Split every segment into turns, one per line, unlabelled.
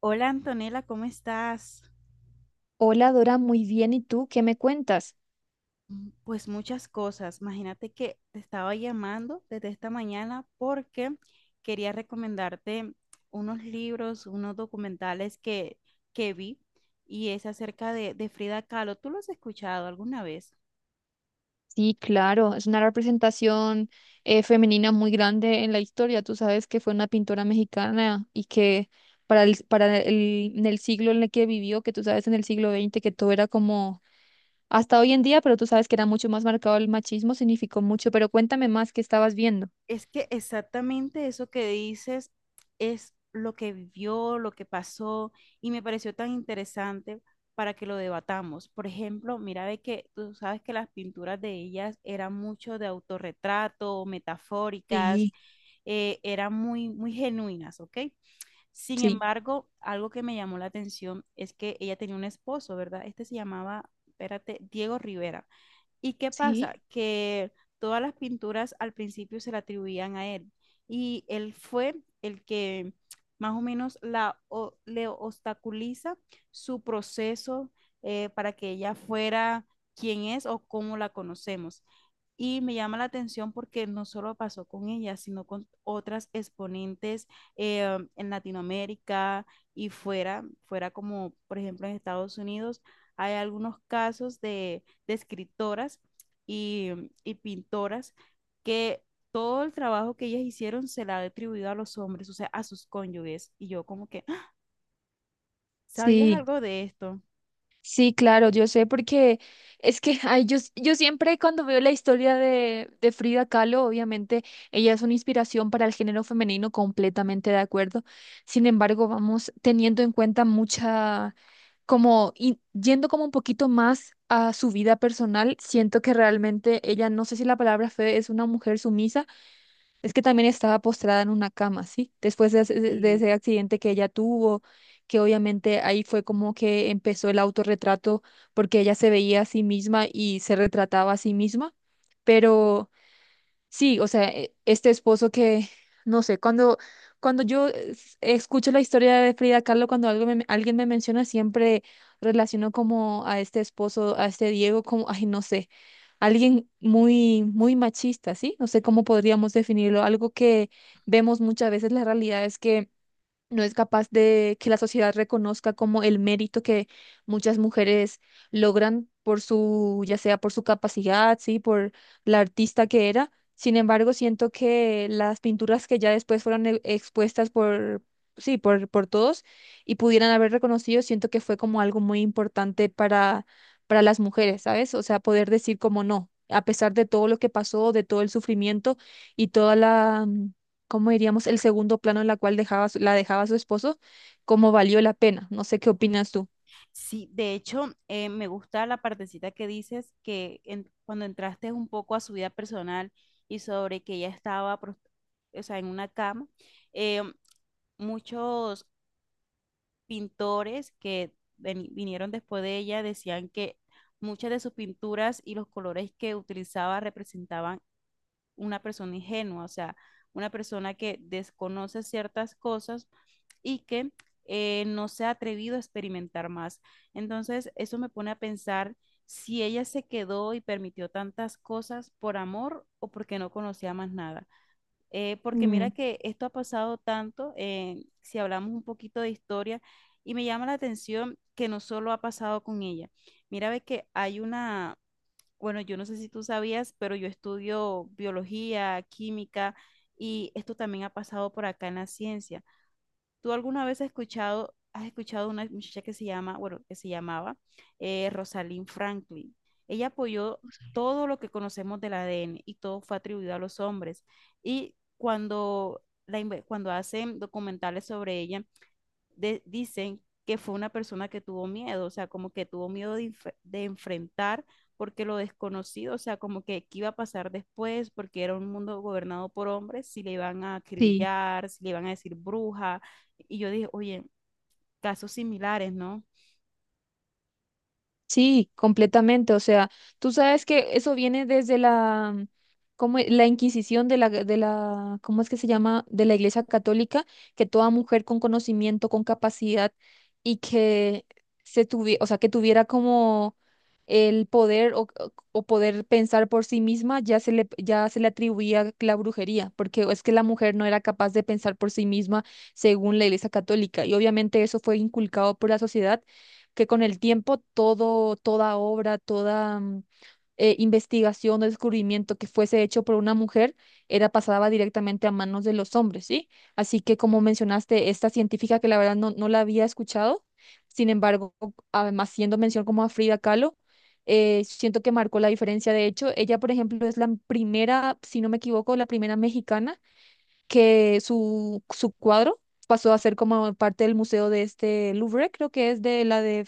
Hola Antonella, ¿cómo estás?
Hola Dora, muy bien. ¿Y tú qué me cuentas?
Pues muchas cosas. Imagínate que te estaba llamando desde esta mañana porque quería recomendarte unos libros, unos documentales que vi y es acerca de Frida Kahlo. ¿Tú los has escuchado alguna vez?
Sí, claro, es una representación femenina muy grande en la historia. Tú sabes que fue una pintora mexicana y que en el siglo en el que vivió, que tú sabes en el siglo XX que todo era como hasta hoy en día, pero tú sabes que era mucho más marcado el machismo, significó mucho. Pero cuéntame más, ¿qué estabas viendo?
Es que exactamente eso que dices es lo que vivió, lo que pasó, y me pareció tan interesante para que lo debatamos. Por ejemplo, mira de que tú sabes que las pinturas de ellas eran mucho de autorretrato, metafóricas,
Sí,
eran muy genuinas, ¿ok? Sin
sí.
embargo, algo que me llamó la atención es que ella tenía un esposo, ¿verdad? Este se llamaba, espérate, Diego Rivera. ¿Y qué pasa?
Sí,
Que todas las pinturas al principio se le atribuían a él y él fue el que más o menos le obstaculiza su proceso para que ella fuera quien es o cómo la conocemos. Y me llama la atención porque no solo pasó con ella, sino con otras exponentes en Latinoamérica y fuera como por ejemplo en Estados Unidos, hay algunos casos de escritoras y y pintoras que todo el trabajo que ellas hicieron se la ha atribuido a los hombres, o sea, a sus cónyuges. Y yo como que, "Ah, ¿sabías
sí.
algo de esto?
Sí, claro, yo sé porque es que ay, yo siempre cuando veo la historia de Frida Kahlo, obviamente ella es una inspiración para el género femenino, completamente de acuerdo. Sin embargo, vamos teniendo en cuenta mucha, como yendo como un poquito más a su vida personal, siento que realmente ella, no sé si la palabra fe es una mujer sumisa, es que también estaba postrada en una cama, ¿sí? Después de, ese De
Sí,
ese accidente que ella tuvo, que obviamente ahí fue como que empezó el autorretrato, porque ella se veía a sí misma y se retrataba a sí misma, pero sí, o sea, este esposo que, no sé, cuando yo escucho la historia de Frida Kahlo, cuando algo alguien me menciona, siempre relaciono como a este esposo, a este Diego, como, ay, no sé, alguien muy, muy machista, ¿sí? No sé cómo podríamos definirlo, algo que vemos muchas veces, la realidad es que no es capaz de que la sociedad reconozca como el mérito que muchas mujeres logran por su, ya sea por su capacidad, sí, por la artista que era. Sin embargo, siento que las pinturas que ya después fueron expuestas por, sí, por todos y pudieran haber reconocido, siento que fue como algo muy importante para las mujeres, ¿sabes? O sea, poder decir como no, a pesar de todo lo que pasó, de todo el sufrimiento y toda la ¿cómo diríamos? El segundo plano en la cual dejaba, la dejaba su esposo, ¿cómo valió la pena? No sé qué opinas tú.
sí, de hecho, me gusta la partecita que dices que cuando entraste un poco a su vida personal y sobre que ella o sea, en una cama, eh, muchos pintores que vinieron después de ella decían que muchas de sus pinturas y los colores que utilizaba representaban una persona ingenua, o sea, una persona que desconoce ciertas cosas y que no se ha atrevido a experimentar más. Entonces, eso me pone a pensar si ella se quedó y permitió tantas cosas por amor o porque no conocía más nada porque
Mm,
mira que esto ha pasado tanto, si hablamos un poquito de historia, y me llama la atención que no solo ha pasado con ella. Mira, ve que hay bueno, yo no sé si tú sabías, pero yo estudio biología, química, y esto también ha pasado por acá en la ciencia. ¿Tú alguna vez has escuchado una muchacha que se llama, bueno, que se llamaba Rosalind Franklin? Ella apoyó todo lo que conocemos del ADN y todo fue atribuido a los hombres. Y cuando hacen documentales sobre ella, dicen que fue una persona que tuvo miedo, o sea, como que tuvo miedo de enfrentar porque lo desconocido, o sea, como que qué iba a pasar después, porque era un mundo gobernado por hombres, si le iban a
sí.
acribillar, si le iban a decir bruja, y yo dije, oye, casos similares, ¿no?
Sí, completamente. O sea, tú sabes que eso viene desde la, como la Inquisición de de la, ¿cómo es que se llama? De la Iglesia Católica, que toda mujer con conocimiento, con capacidad y que se tuviera, o sea, que tuviera como el poder o poder pensar por sí misma, ya se le atribuía la brujería, porque es que la mujer no era capaz de pensar por sí misma según la Iglesia Católica. Y obviamente eso fue inculcado por la sociedad que con el tiempo toda obra, toda investigación o descubrimiento que fuese hecho por una mujer era pasaba directamente a manos de los hombres, ¿sí? Así que como mencionaste, esta científica que la verdad no la había escuchado, sin embargo, además haciendo mención como a Frida Kahlo, siento que marcó la diferencia. De hecho, ella, por ejemplo, es la primera, si no me equivoco, la primera mexicana que su cuadro pasó a ser como parte del museo de este Louvre, creo que es de la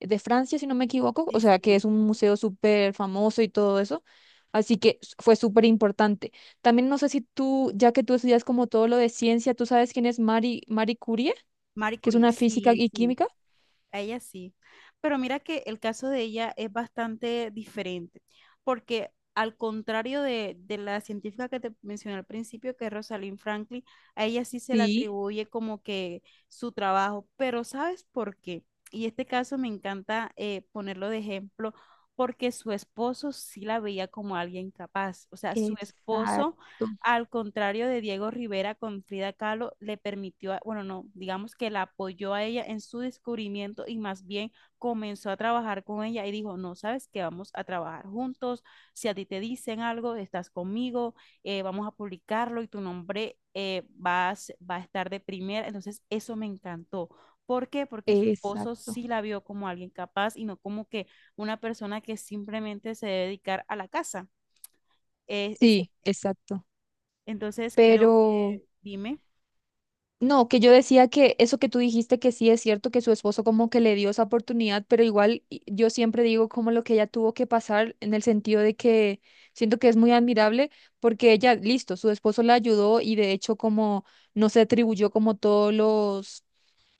de Francia, si no me equivoco,
Sí,
o sea, que es
sí.
un museo súper famoso y todo eso. Así que fue súper importante. También no sé si tú, ya que tú estudias como todo lo de ciencia, ¿tú sabes quién es Marie Curie,
Marie
que es
Curie,
una física
sí,
y
sí.
química?
A ella sí. Pero mira que el caso de ella es bastante diferente, porque al contrario de la científica que te mencioné al principio, que es Rosalind Franklin, a ella sí se le
Sí,
atribuye como que su trabajo. Pero ¿sabes por qué? Y este caso me encanta ponerlo de ejemplo, porque su esposo sí la veía como alguien capaz. O sea, su esposo
exacto,
al contrario de Diego Rivera con Frida Kahlo, le permitió, bueno, no, digamos que la apoyó a ella en su descubrimiento y más bien comenzó a trabajar con ella y dijo, no, sabes que vamos a trabajar juntos, si a ti te dicen algo, estás conmigo, vamos a publicarlo y tu nombre va a estar de primera. Entonces, eso me encantó. ¿Por qué? Porque su esposo
exacto.
sí la vio como alguien capaz y no como que una persona que simplemente se debe dedicar a la casa. Es
Sí, exacto.
entonces creo
Pero
que, dime,
no, que yo decía que eso que tú dijiste que sí es cierto, que su esposo como que le dio esa oportunidad, pero igual yo siempre digo como lo que ella tuvo que pasar en el sentido de que siento que es muy admirable porque ella, listo, su esposo la ayudó y de hecho como no se atribuyó como todos los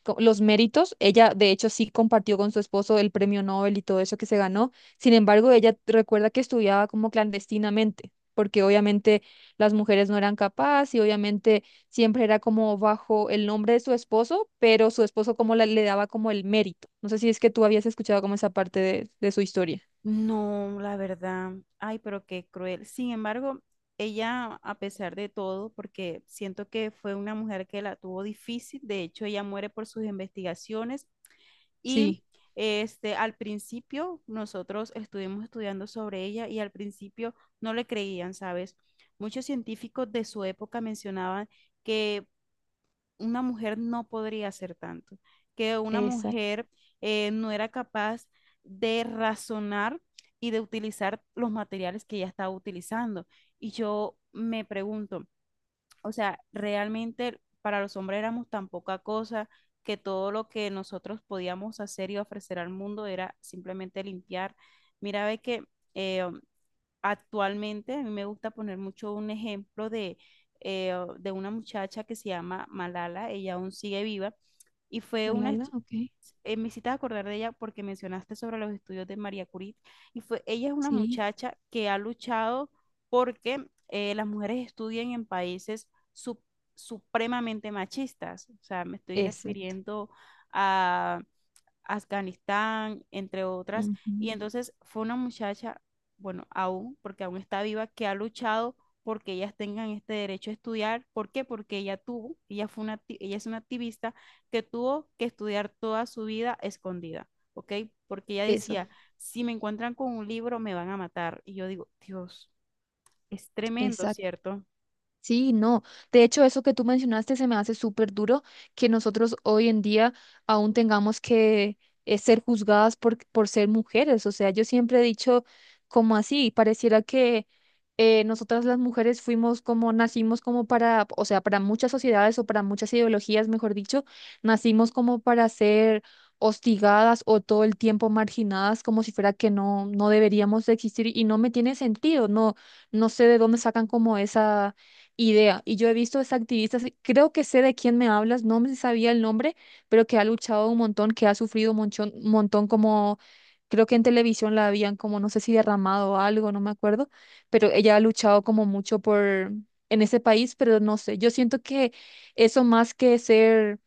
los méritos. Ella, de hecho, sí compartió con su esposo el premio Nobel y todo eso que se ganó. Sin embargo, ella recuerda que estudiaba como clandestinamente, porque obviamente las mujeres no eran capaces y obviamente siempre era como bajo el nombre de su esposo, pero su esposo como le daba como el mérito. No sé si es que tú habías escuchado como esa parte de su historia.
no, la verdad, ay, pero qué cruel. Sin embargo, ella, a pesar de todo, porque siento que fue una mujer que la tuvo difícil, de hecho, ella muere por sus investigaciones y
Sí,
este, al principio nosotros estuvimos estudiando sobre ella y al principio no le creían, ¿sabes? Muchos científicos de su época mencionaban que una mujer no podría hacer tanto, que una
exacto.
mujer no era capaz de razonar y de utilizar los materiales que ella estaba utilizando. Y yo me pregunto, o sea, realmente para los hombres éramos tan poca cosa que todo lo que nosotros podíamos hacer y ofrecer al mundo era simplemente limpiar. Mira, ve que eh, actualmente a mí me gusta poner mucho un ejemplo eh, de una muchacha que se llama Malala, ella aún sigue viva y fue una,
Malala,
estu-
ok.
eh, Me hiciste acordar de ella porque mencionaste sobre los estudios de María Curie y fue, ella es una
Sí,
muchacha que ha luchado porque las mujeres estudien en países sup- supremamente machistas, o sea, me estoy
exacto.
refiriendo a Afganistán, entre otras. Y
Ujú.
entonces fue una muchacha, bueno, aún, porque aún está viva, que ha luchado porque ellas tengan este derecho a estudiar. ¿Por qué? Porque ella tuvo, ella fue una, acti- ella es una activista que tuvo que estudiar toda su vida escondida, ¿ok? Porque ella
Eso.
decía, si me encuentran con un libro, me van a matar. Y yo digo, Dios, es tremendo,
Exacto.
¿cierto?
Sí, no. De hecho, eso que tú mencionaste se me hace súper duro que nosotros hoy en día aún tengamos que ser juzgadas por ser mujeres. O sea, yo siempre he dicho como así, pareciera que nosotras las mujeres fuimos como, nacimos como para, o sea, para muchas sociedades o para muchas ideologías, mejor dicho, nacimos como para ser hostigadas o todo el tiempo marginadas como si fuera que no, no deberíamos de existir y no me tiene sentido, no, no sé de dónde sacan como esa idea. Y yo he visto a esta activista, sí, creo que sé de quién me hablas, no me sabía el nombre, pero que ha luchado un montón, que ha sufrido un un montón como, creo que en televisión la habían como, no sé si derramado algo, no me acuerdo, pero ella ha luchado como mucho por, en ese país, pero no sé, yo siento que eso más que ser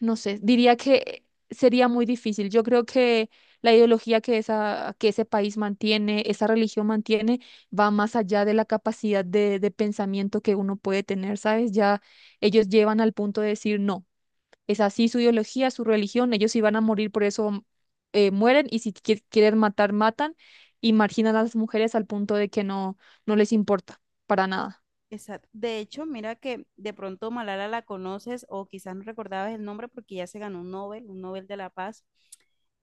no sé, diría que sería muy difícil. Yo creo que la ideología que ese país mantiene, esa religión mantiene, va más allá de la capacidad de pensamiento que uno puede tener, ¿sabes? Ya ellos llevan al punto de decir, no, es así su ideología, su religión, ellos si van a morir, por eso mueren y si quieren matar, matan y marginan a las mujeres al punto de que no, no les importa para nada.
Exacto. De hecho, mira que de pronto Malala la conoces o quizás no recordabas el nombre porque ya se ganó un Nobel de la Paz.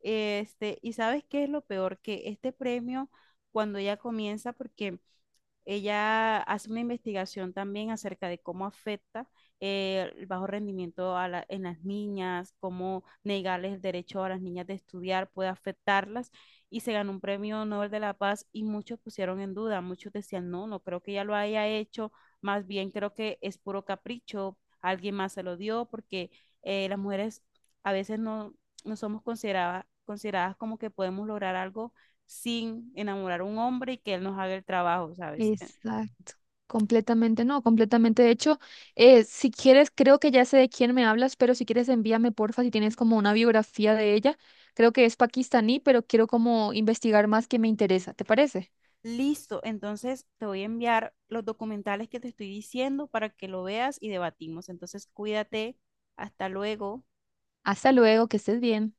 Este, y sabes qué es lo peor, que este premio, cuando ella comienza, porque ella hace una investigación también acerca de cómo afecta el bajo rendimiento a en las niñas, cómo negarles el derecho a las niñas de estudiar puede afectarlas y se ganó un premio Nobel de la Paz y muchos pusieron en duda, muchos decían, no, no creo que ella lo haya hecho, más bien creo que es puro capricho, alguien más se lo dio porque las mujeres a veces no, no somos consideradas como que podemos lograr algo sin enamorar a un hombre y que él nos haga el trabajo, ¿sabes?
Exacto, completamente, no, completamente. De hecho, si quieres, creo que ya sé de quién me hablas, pero si quieres envíame, porfa, si tienes como una biografía de ella. Creo que es pakistaní, pero quiero como investigar más que me interesa. ¿Te parece?
Listo, entonces te voy a enviar los documentales que te estoy diciendo para que lo veas y debatimos. Entonces, cuídate, hasta luego.
Hasta luego, que estés bien.